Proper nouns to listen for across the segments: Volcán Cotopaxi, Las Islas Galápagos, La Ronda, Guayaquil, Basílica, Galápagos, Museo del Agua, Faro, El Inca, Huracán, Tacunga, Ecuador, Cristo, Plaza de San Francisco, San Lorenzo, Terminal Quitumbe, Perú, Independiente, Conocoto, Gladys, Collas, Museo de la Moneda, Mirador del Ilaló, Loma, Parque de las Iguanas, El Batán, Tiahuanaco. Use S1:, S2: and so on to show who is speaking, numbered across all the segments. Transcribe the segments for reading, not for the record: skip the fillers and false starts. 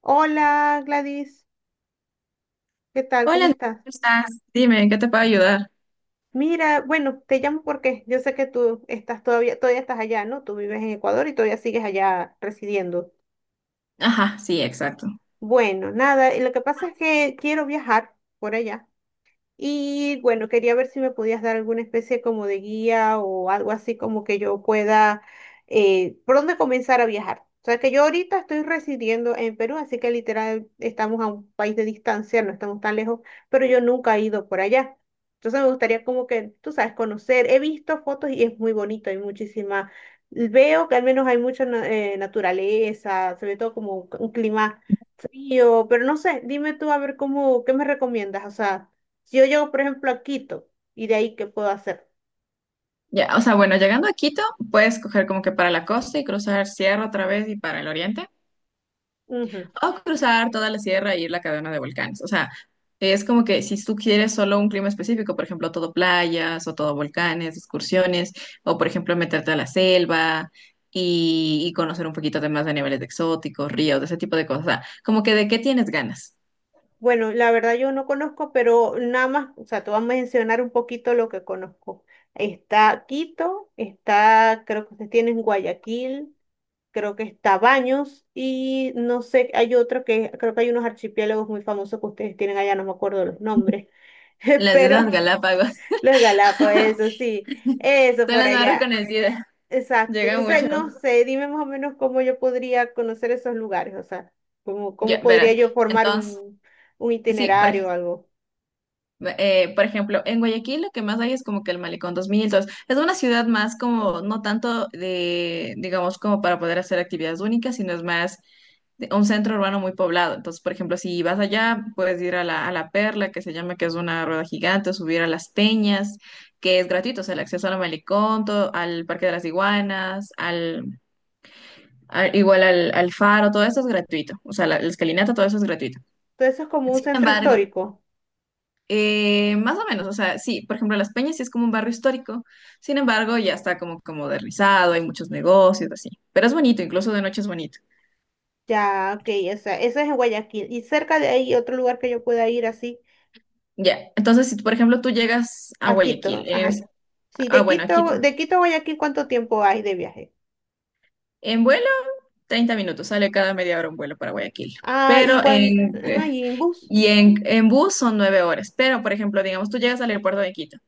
S1: Hola Gladys, ¿qué tal? ¿Cómo
S2: Hola, ¿cómo
S1: estás?
S2: estás? Dime, ¿en qué te puedo ayudar?
S1: Mira, bueno, te llamo porque yo sé que tú estás todavía estás allá, ¿no? Tú vives en Ecuador y todavía sigues allá residiendo.
S2: Ajá, sí, exacto.
S1: Bueno, nada, y lo que pasa es que quiero viajar por allá. Y bueno, quería ver si me podías dar alguna especie como de guía o algo así como que yo pueda, por dónde comenzar a viajar. O sea, que yo ahorita estoy residiendo en Perú, así que literal estamos a un país de distancia, no estamos tan lejos, pero yo nunca he ido por allá. Entonces me gustaría como que, tú sabes, conocer. He visto fotos y es muy bonito, hay muchísima. Veo que al menos hay mucha naturaleza, se ve todo como un clima frío, pero no sé, dime tú a ver cómo, ¿qué me recomiendas? O sea. Si yo llego, por ejemplo, a Quito, ¿y de ahí qué puedo hacer?
S2: Ya, o sea, bueno, llegando a Quito, puedes coger como que para la costa y cruzar sierra otra vez y para el oriente,
S1: Ujú.
S2: o cruzar toda la sierra y ir a la cadena de volcanes. O sea, es como que si tú quieres solo un clima específico, por ejemplo, todo playas o todo volcanes, excursiones, o por ejemplo, meterte a la selva y conocer un poquito de más de niveles de exóticos, ríos, de ese tipo de cosas. O sea, como que de qué tienes ganas.
S1: Bueno, la verdad yo no conozco, pero nada más, o sea, te voy a mencionar un poquito lo que conozco. Está Quito, está, creo que ustedes tienen Guayaquil, creo que está Baños y no sé, hay otro que, creo que hay unos archipiélagos muy famosos que ustedes tienen allá, no me acuerdo los nombres,
S2: Las Islas
S1: pero
S2: Galápagos
S1: los Galápagos,
S2: son
S1: eso sí, eso por
S2: las más
S1: allá.
S2: reconocidas.
S1: Exacto,
S2: Llega
S1: entonces
S2: mucho.
S1: no
S2: Exacto.
S1: sé, dime más o menos cómo yo podría conocer esos lugares, o sea, cómo,
S2: Ya,
S1: cómo podría
S2: verás.
S1: yo formar
S2: Entonces,
S1: un,
S2: sí,
S1: itinerario o algo.
S2: por ejemplo, en Guayaquil lo que más hay es como que el Malecón 2002. Es una ciudad más como, no tanto de, digamos, como para poder hacer actividades únicas, sino es más un centro urbano muy poblado. Entonces, por ejemplo, si vas allá, puedes ir a la Perla, que se llama, que es una rueda gigante, subir a Las Peñas, que es gratuito, o sea, el acceso al Malecón, al Parque de las Iguanas, igual al Faro, todo eso es gratuito. O sea, la escalinata, todo eso es gratuito.
S1: Todo eso es como un
S2: Sin
S1: centro
S2: embargo,
S1: histórico.
S2: más o menos, o sea, sí, por ejemplo, Las Peñas sí es como un barrio histórico, sin embargo, ya está como, como modernizado, hay muchos negocios, así, pero es bonito, incluso de noche es bonito.
S1: Ya, ok, o sea, eso es en Guayaquil. Y cerca de ahí otro lugar que yo pueda ir así,
S2: Ya, entonces, si por ejemplo tú llegas a
S1: a
S2: Guayaquil,
S1: Quito. Ajá.
S2: es,
S1: Sí, de
S2: bueno, a Quito,
S1: Quito, de Quito a Guayaquil, ¿cuánto tiempo hay de viaje?
S2: en vuelo, 30 minutos, sale cada media hora un vuelo para Guayaquil,
S1: Ah, y
S2: pero
S1: cuando,
S2: en,
S1: ajá, y en bus,
S2: y en bus son 9 horas, pero por ejemplo, digamos, tú llegas al aeropuerto de Quito.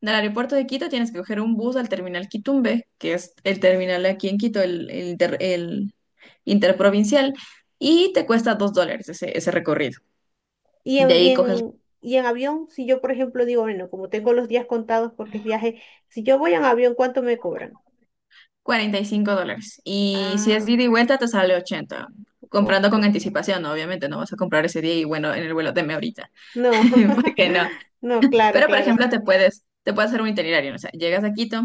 S2: Del aeropuerto de Quito tienes que coger un bus al terminal Quitumbe, que es el terminal aquí en Quito, el interprovincial, y te cuesta $2 ese recorrido.
S1: y
S2: De
S1: en, y
S2: ahí coges
S1: en, y en avión, si yo, por ejemplo, digo, bueno, como tengo los días contados porque es viaje, si yo voy en avión, ¿cuánto me cobran?
S2: $45. Y si es
S1: Ah,
S2: de ida y vuelta, te sale 80. Comprando
S1: ok.
S2: con anticipación, ¿no? Obviamente no vas a comprar ese día y bueno, en el vuelo deme ahorita,
S1: No,
S2: porque no.
S1: no, claro,
S2: Pero, por
S1: claro.
S2: ejemplo, te puedes hacer un itinerario, ¿no? O sea, llegas a Quito,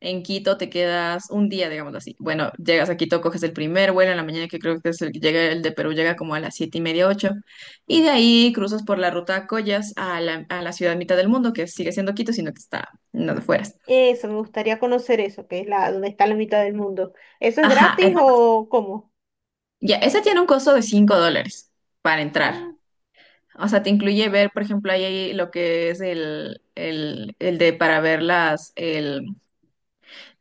S2: en Quito te quedas un día, digamos así. Bueno, llegas a Quito, coges el primer vuelo en la mañana, que creo que es el que llega, el de Perú llega como a las siete y media, ocho, y de ahí cruzas por la ruta Collas a la, ciudad mitad del mundo, que sigue siendo Quito, sino que está en las afueras.
S1: Eso, me gustaría conocer eso, que es la, donde está la mitad del mundo. ¿Eso es
S2: Ajá,
S1: gratis o cómo?
S2: ya, esa tiene un costo de $5 para
S1: Ah,
S2: entrar. O sea, te incluye ver, por ejemplo, ahí hay lo que es el de para ver las, el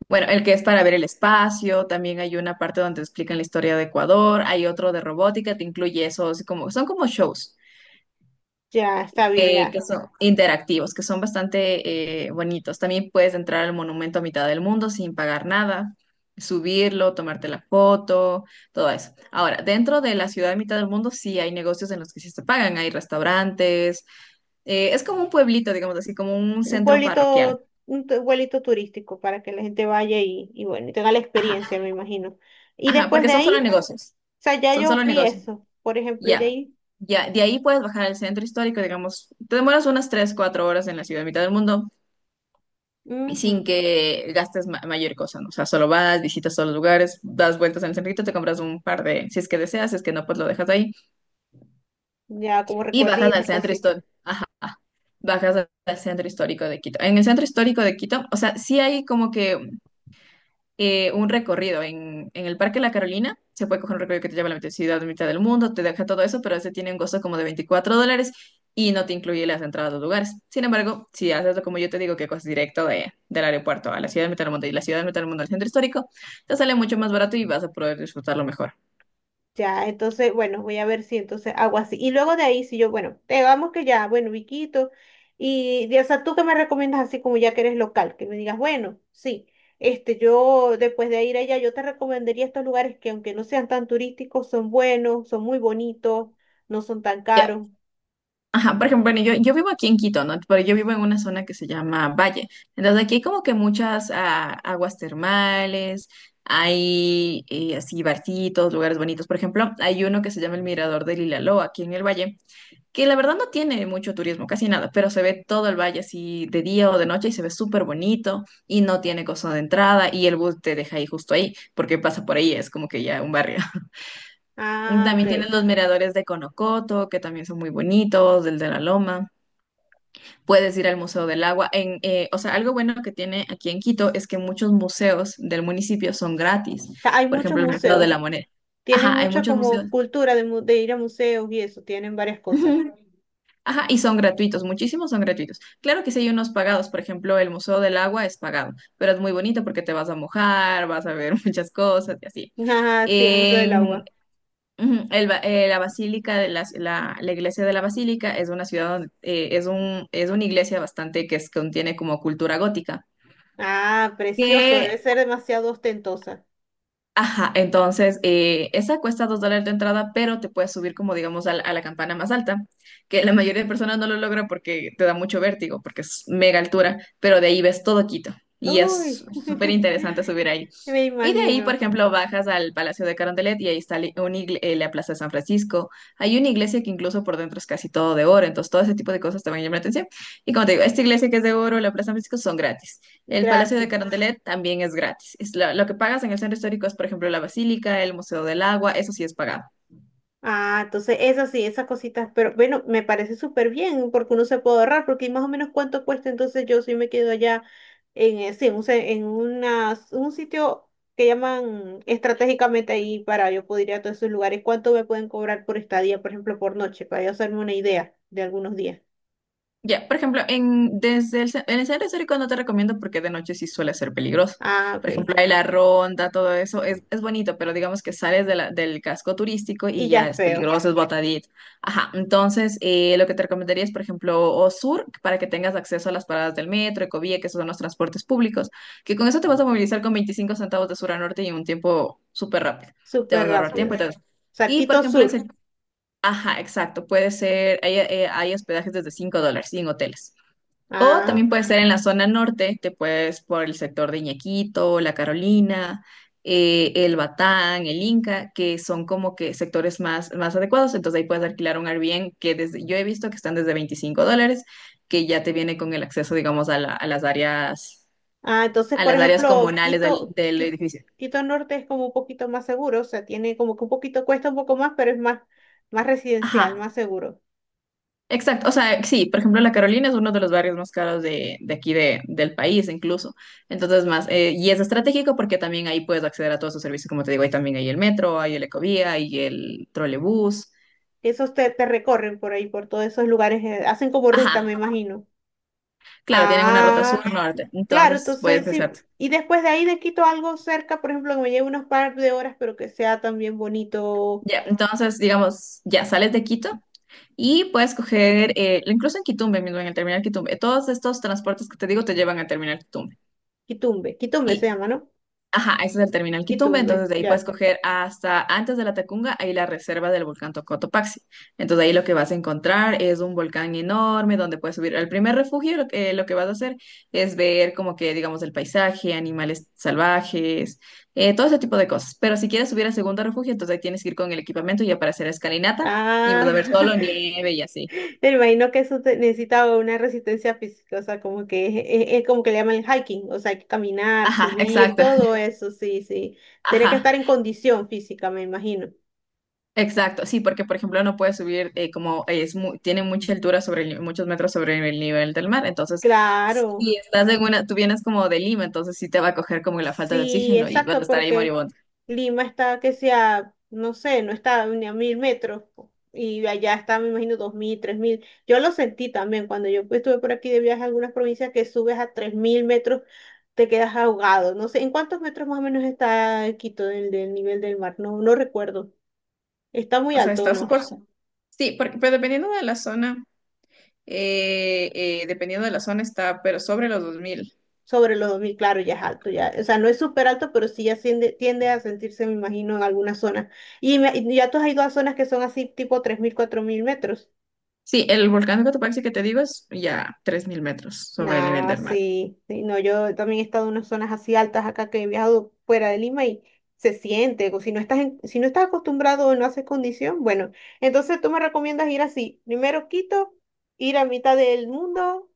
S2: Bueno, el que es para ver el espacio, también hay una parte donde te explican la historia de Ecuador, hay otro de robótica, te incluye esos, como, son como shows
S1: ya, está bien,
S2: que
S1: ya.
S2: son interactivos, que son bastante bonitos. También puedes entrar al monumento a mitad del mundo sin pagar nada, subirlo, tomarte la foto, todo eso. Ahora, dentro de la ciudad de mitad del mundo sí hay negocios en los que sí se pagan, hay restaurantes, es como un pueblito, digamos así, como un
S1: Un
S2: centro parroquial.
S1: pueblito, pueblito turístico para que la gente vaya y bueno, y tenga la
S2: Ajá,
S1: experiencia, me imagino. Y
S2: ajá,
S1: después
S2: porque
S1: de
S2: son
S1: ahí,
S2: solo
S1: o
S2: negocios.
S1: sea, ya
S2: Son
S1: yo
S2: solo
S1: vi
S2: negocios.
S1: eso, por ejemplo, y de
S2: Ya,
S1: ahí,
S2: ya, de ahí puedes bajar al centro histórico, digamos, te demoras unas 3 4 horas en la ciudad, mitad del mundo, y
S1: ujú,
S2: sin que gastes mayor cosa, ¿no? O sea, solo vas, visitas todos los lugares, das vueltas en el centrito, te compras un par de, si es que deseas, si es que no, pues lo dejas ahí,
S1: ya como
S2: y bajas al
S1: recuerditos,
S2: centro
S1: cositas.
S2: histórico, ajá, bajas al centro histórico de Quito. En el centro histórico de Quito, o sea, sí hay como que un recorrido en el Parque La Carolina. Se puede coger un recorrido que te lleva a la ciudad, mitad del mundo, te deja todo eso, pero ese tiene un costo como de $24 y no te incluye las entradas a los lugares. Sin embargo, si haces lo como yo te digo, que coges directo del aeropuerto a la ciudad de mitad del mundo y la ciudad de mitad del mundo al centro histórico, te sale mucho más barato y vas a poder disfrutarlo mejor.
S1: Ya, entonces, bueno, voy a ver si entonces hago así. Y luego de ahí, si yo, bueno, digamos que ya, bueno, Viquito, o sea, tú que me recomiendas así como ya que eres local, que me digas, bueno, sí, este, yo después de ir allá, yo te recomendaría estos lugares que aunque no sean tan turísticos, son buenos, son muy bonitos, no son tan caros.
S2: Ajá, por ejemplo, bueno, yo vivo aquí en Quito, ¿no? Pero yo vivo en una zona que se llama Valle. Entonces aquí hay como que muchas aguas termales, hay así barcitos, lugares bonitos. Por ejemplo, hay uno que se llama el Mirador del Ilaló, aquí en el Valle, que la verdad no tiene mucho turismo, casi nada, pero se ve todo el valle así de día o de noche y se ve súper bonito y no tiene costo de entrada y el bus te deja ahí justo ahí, porque pasa por ahí, es como que ya un barrio.
S1: Ah, ok.
S2: También tienen los miradores de Conocoto, que también son muy bonitos, el de la Loma puedes ir al Museo del Agua. O sea, algo bueno que tiene aquí en Quito es que muchos museos del municipio son gratis.
S1: Hay
S2: Por
S1: muchos
S2: ejemplo, el Museo de
S1: museos,
S2: la Moneda.
S1: tienen
S2: Ajá, hay
S1: mucha
S2: muchos museos.
S1: como cultura de, de ir a museos y eso, tienen varias cosas.
S2: Ujú. Ajá, y son gratuitos, muchísimos son gratuitos. Claro que sí hay unos pagados, por ejemplo, el Museo del Agua es pagado, pero es muy bonito porque te vas a mojar, vas a ver muchas cosas y así.
S1: Ah, sí, el Museo del
S2: En,
S1: Agua.
S2: ujú, el ba- la Basílica de la iglesia de la Basílica es una ciudad, donde, es una iglesia bastante que contiene como cultura gótica.
S1: Ah, precioso, debe
S2: Que,
S1: ser demasiado ostentosa.
S2: ajá, entonces, esa cuesta $2 de entrada, pero te puedes subir como, digamos, a la campana más alta, que la mayoría de personas no lo logra porque te da mucho vértigo, porque es mega altura, pero de ahí ves todo Quito y es
S1: Uy,
S2: súper interesante subir ahí.
S1: me
S2: Y de ahí,
S1: imagino,
S2: por ejemplo, bajas al Palacio de Carondelet y ahí está la Plaza de San Francisco. Hay una iglesia que incluso por dentro es casi todo de oro, entonces todo ese tipo de cosas te van a llamar la atención. Y como te digo, esta iglesia que es de oro, la Plaza de San Francisco son gratis. El Palacio de
S1: gratis.
S2: Carondelet también es gratis. Lo que pagas en el centro histórico es, por ejemplo, la Basílica, el Museo del Agua, eso sí es pagado.
S1: Ah, entonces esas sí, esas cositas, pero bueno, me parece súper bien porque uno se puede ahorrar, porque más o menos cuánto cuesta, entonces yo sí me quedo allá en, sí, en, un se- en unas- un sitio que llaman estratégicamente ahí para yo poder ir a todos esos lugares, cuánto me pueden cobrar por estadía, por ejemplo, por noche, para yo hacerme una idea de algunos días.
S2: Ya, por ejemplo, en el centro histórico no te recomiendo porque de noche sí suele ser peligroso.
S1: Ah,
S2: Por
S1: ok.
S2: ejemplo, hay la ronda, todo eso es, bonito, pero digamos que sales del casco turístico y
S1: Y ya
S2: ya
S1: es
S2: es
S1: feo,
S2: peligroso, es botadito. Ajá, entonces lo que te recomendaría es, por ejemplo, o sur, para que tengas acceso a las paradas del metro, Ecovía, que esos son los transportes públicos, que con eso te vas a movilizar con 25 centavos de sur a norte y en un tiempo súper rápido. Te
S1: súper
S2: vas a ahorrar tiempo
S1: rápido.
S2: y todo eso. Y, por
S1: Saquito
S2: ejemplo.
S1: Sur.
S2: Ajá, exacto. Puede ser, hay hospedajes desde $5 en hoteles. O
S1: Ah,
S2: también puede ser en la zona norte, te puedes por el sector de Iñaquito, La Carolina, el Batán, el Inca, que son como que sectores más adecuados. Entonces ahí puedes alquilar un Airbnb que desde, yo he visto que están desde $25, que ya te viene con el acceso, digamos, a las áreas,
S1: ah, entonces,
S2: a
S1: por
S2: las áreas
S1: ejemplo,
S2: comunales del,
S1: Quito,
S2: del edificio.
S1: Quito, Norte es como un poquito más seguro, o sea, tiene como que un poquito, cuesta un poco más, pero es más residencial,
S2: Ajá,
S1: más seguro.
S2: exacto, o sea, sí, por ejemplo, la Carolina es uno de los barrios más caros de aquí del país incluso. Entonces, y es estratégico porque también ahí puedes acceder a todos esos servicios, como te digo, ahí también hay el metro, hay el Ecovía, hay el trolebús.
S1: Esos te, recorren por ahí, por todos esos lugares, hacen como
S2: Ajá,
S1: ruta, me imagino.
S2: claro, tienen una ruta
S1: Ah,
S2: sur-norte,
S1: claro,
S2: entonces puedes
S1: entonces sí.
S2: hacerte.
S1: Y después de ahí de Quito algo cerca, por ejemplo, que me lleve unos par de horas, pero que sea también bonito,
S2: Ya, entonces, digamos, ya sales de Quito y puedes coger, incluso en Quitumbe mismo, en el terminal Quitumbe, todos estos transportes que te digo te llevan al terminal Quitumbe.
S1: Quitumbe. Quitumbe se llama, ¿no?
S2: Ajá, ese es el terminal Quitumbe,
S1: Quitumbe,
S2: entonces de ahí puedes
S1: ya.
S2: coger hasta antes de la Tacunga, ahí la reserva del volcán Tocotopaxi. Entonces ahí lo que vas a encontrar es un volcán enorme donde puedes subir. Al primer refugio lo que vas a hacer es ver como que, digamos, el paisaje, animales salvajes, todo ese tipo de cosas. Pero si quieres subir al segundo refugio, entonces ahí tienes que ir con el equipamiento ya para hacer escalinata y
S1: Ah,
S2: vas a ver solo nieve y así.
S1: me imagino que eso necesita una resistencia física, o sea, como que es como que le llaman el hiking, o sea, hay que caminar,
S2: Ajá,
S1: subir,
S2: exacto.
S1: todo eso, sí, sí. Tiene que
S2: Ajá.
S1: estar en condición física, me imagino.
S2: Exacto, sí, porque por ejemplo no puede subir como es tiene mucha altura sobre el, ni- muchos metros sobre el nivel del mar, entonces
S1: Claro.
S2: si estás tú vienes como de Lima, entonces sí te va a coger como la falta de
S1: Sí,
S2: oxígeno y vas a
S1: exacto,
S2: estar ahí
S1: porque
S2: moribundo.
S1: Lima está que sea, no sé, no está ni a 1000 metros y allá está, me imagino, 2000, 3000. Yo lo sentí también cuando yo estuve por aquí de viaje a algunas provincias que subes a 3000 metros, te quedas ahogado. No sé, ¿en cuántos metros más o menos está Quito del nivel del mar? No, no recuerdo. Está muy
S2: O sea,
S1: alto,
S2: está
S1: ¿no?
S2: súper, sí, porque, pero dependiendo de la zona, dependiendo de la zona está, pero sobre los 2000.
S1: Sobre los 2000 claro, ya es alto, ya, o sea, no es súper alto, pero sí ya tiende, a sentirse, me imagino, en algunas zonas. Y, ya tú has ido a zonas que son así, tipo 3000 4000 metros.
S2: Sí, el volcán de Cotopaxi que te digo es ya 3000 metros sobre el nivel
S1: Ah,
S2: del mar.
S1: sí, sí, no, yo también he estado en unas zonas así altas acá que he viajado fuera de Lima y se siente, o si no estás, si no estás acostumbrado o no haces condición, bueno, entonces tú me recomiendas ir así, primero Quito, ir a mitad del mundo,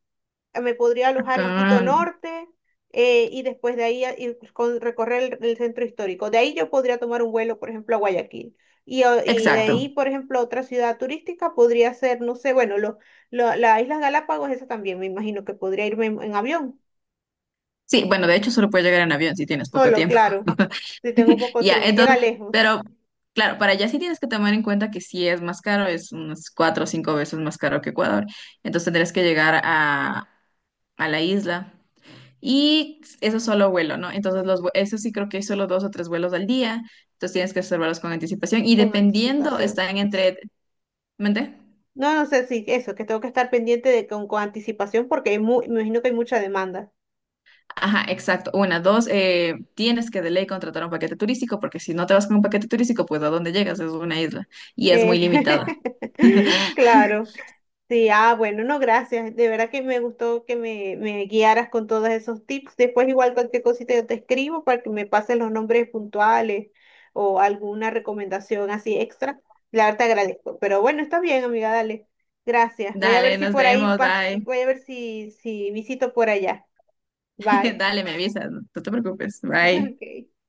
S1: me podría alojar en Quito
S2: Acá,
S1: Norte, y después de ahí recorrer el centro histórico. De ahí yo podría tomar un vuelo, por ejemplo, a Guayaquil. Y de ahí,
S2: exacto.
S1: por ejemplo, otra ciudad turística podría ser, no sé, bueno, lo, las Islas Galápagos, esa también me imagino que podría irme en, avión,
S2: Sí, bueno, de hecho solo puedes llegar en avión si tienes poco
S1: solo,
S2: tiempo.
S1: claro, si tengo poco
S2: Ya,
S1: tiempo, que llega
S2: entonces,
S1: lejos,
S2: pero claro, para allá sí tienes que tomar en cuenta que sí es más caro, es unas cuatro o cinco veces más caro que Ecuador. Entonces tendrás que llegar a la isla. Y eso es solo vuelo, ¿no? Entonces, eso sí creo que hay solo dos o tres vuelos al día. Entonces tienes que reservarlos con anticipación. Y
S1: con
S2: dependiendo,
S1: anticipación.
S2: están entre... ¿Mente?
S1: No, no sé si eso, que tengo que estar pendiente de con anticipación porque hay me imagino que hay mucha demanda.
S2: Ajá, exacto. Una, dos, tienes que de ley contratar un paquete turístico porque si no te vas con un paquete turístico, pues ¿a dónde llegas? Es una isla y es
S1: Eh,
S2: muy limitada.
S1: claro. Sí, ah, bueno, no, gracias. De verdad que me gustó que me guiaras con todos esos tips. Después igual cualquier cosita yo te escribo para que me pases los nombres puntuales o alguna recomendación así extra. La verdad te agradezco. Pero bueno, está bien, amiga, dale. Gracias. Voy a ver
S2: Dale,
S1: si
S2: nos
S1: por ahí
S2: vemos, bye.
S1: voy a ver si visito por allá. Bye.
S2: Dale, me avisas, no te preocupes, bye.
S1: Ok.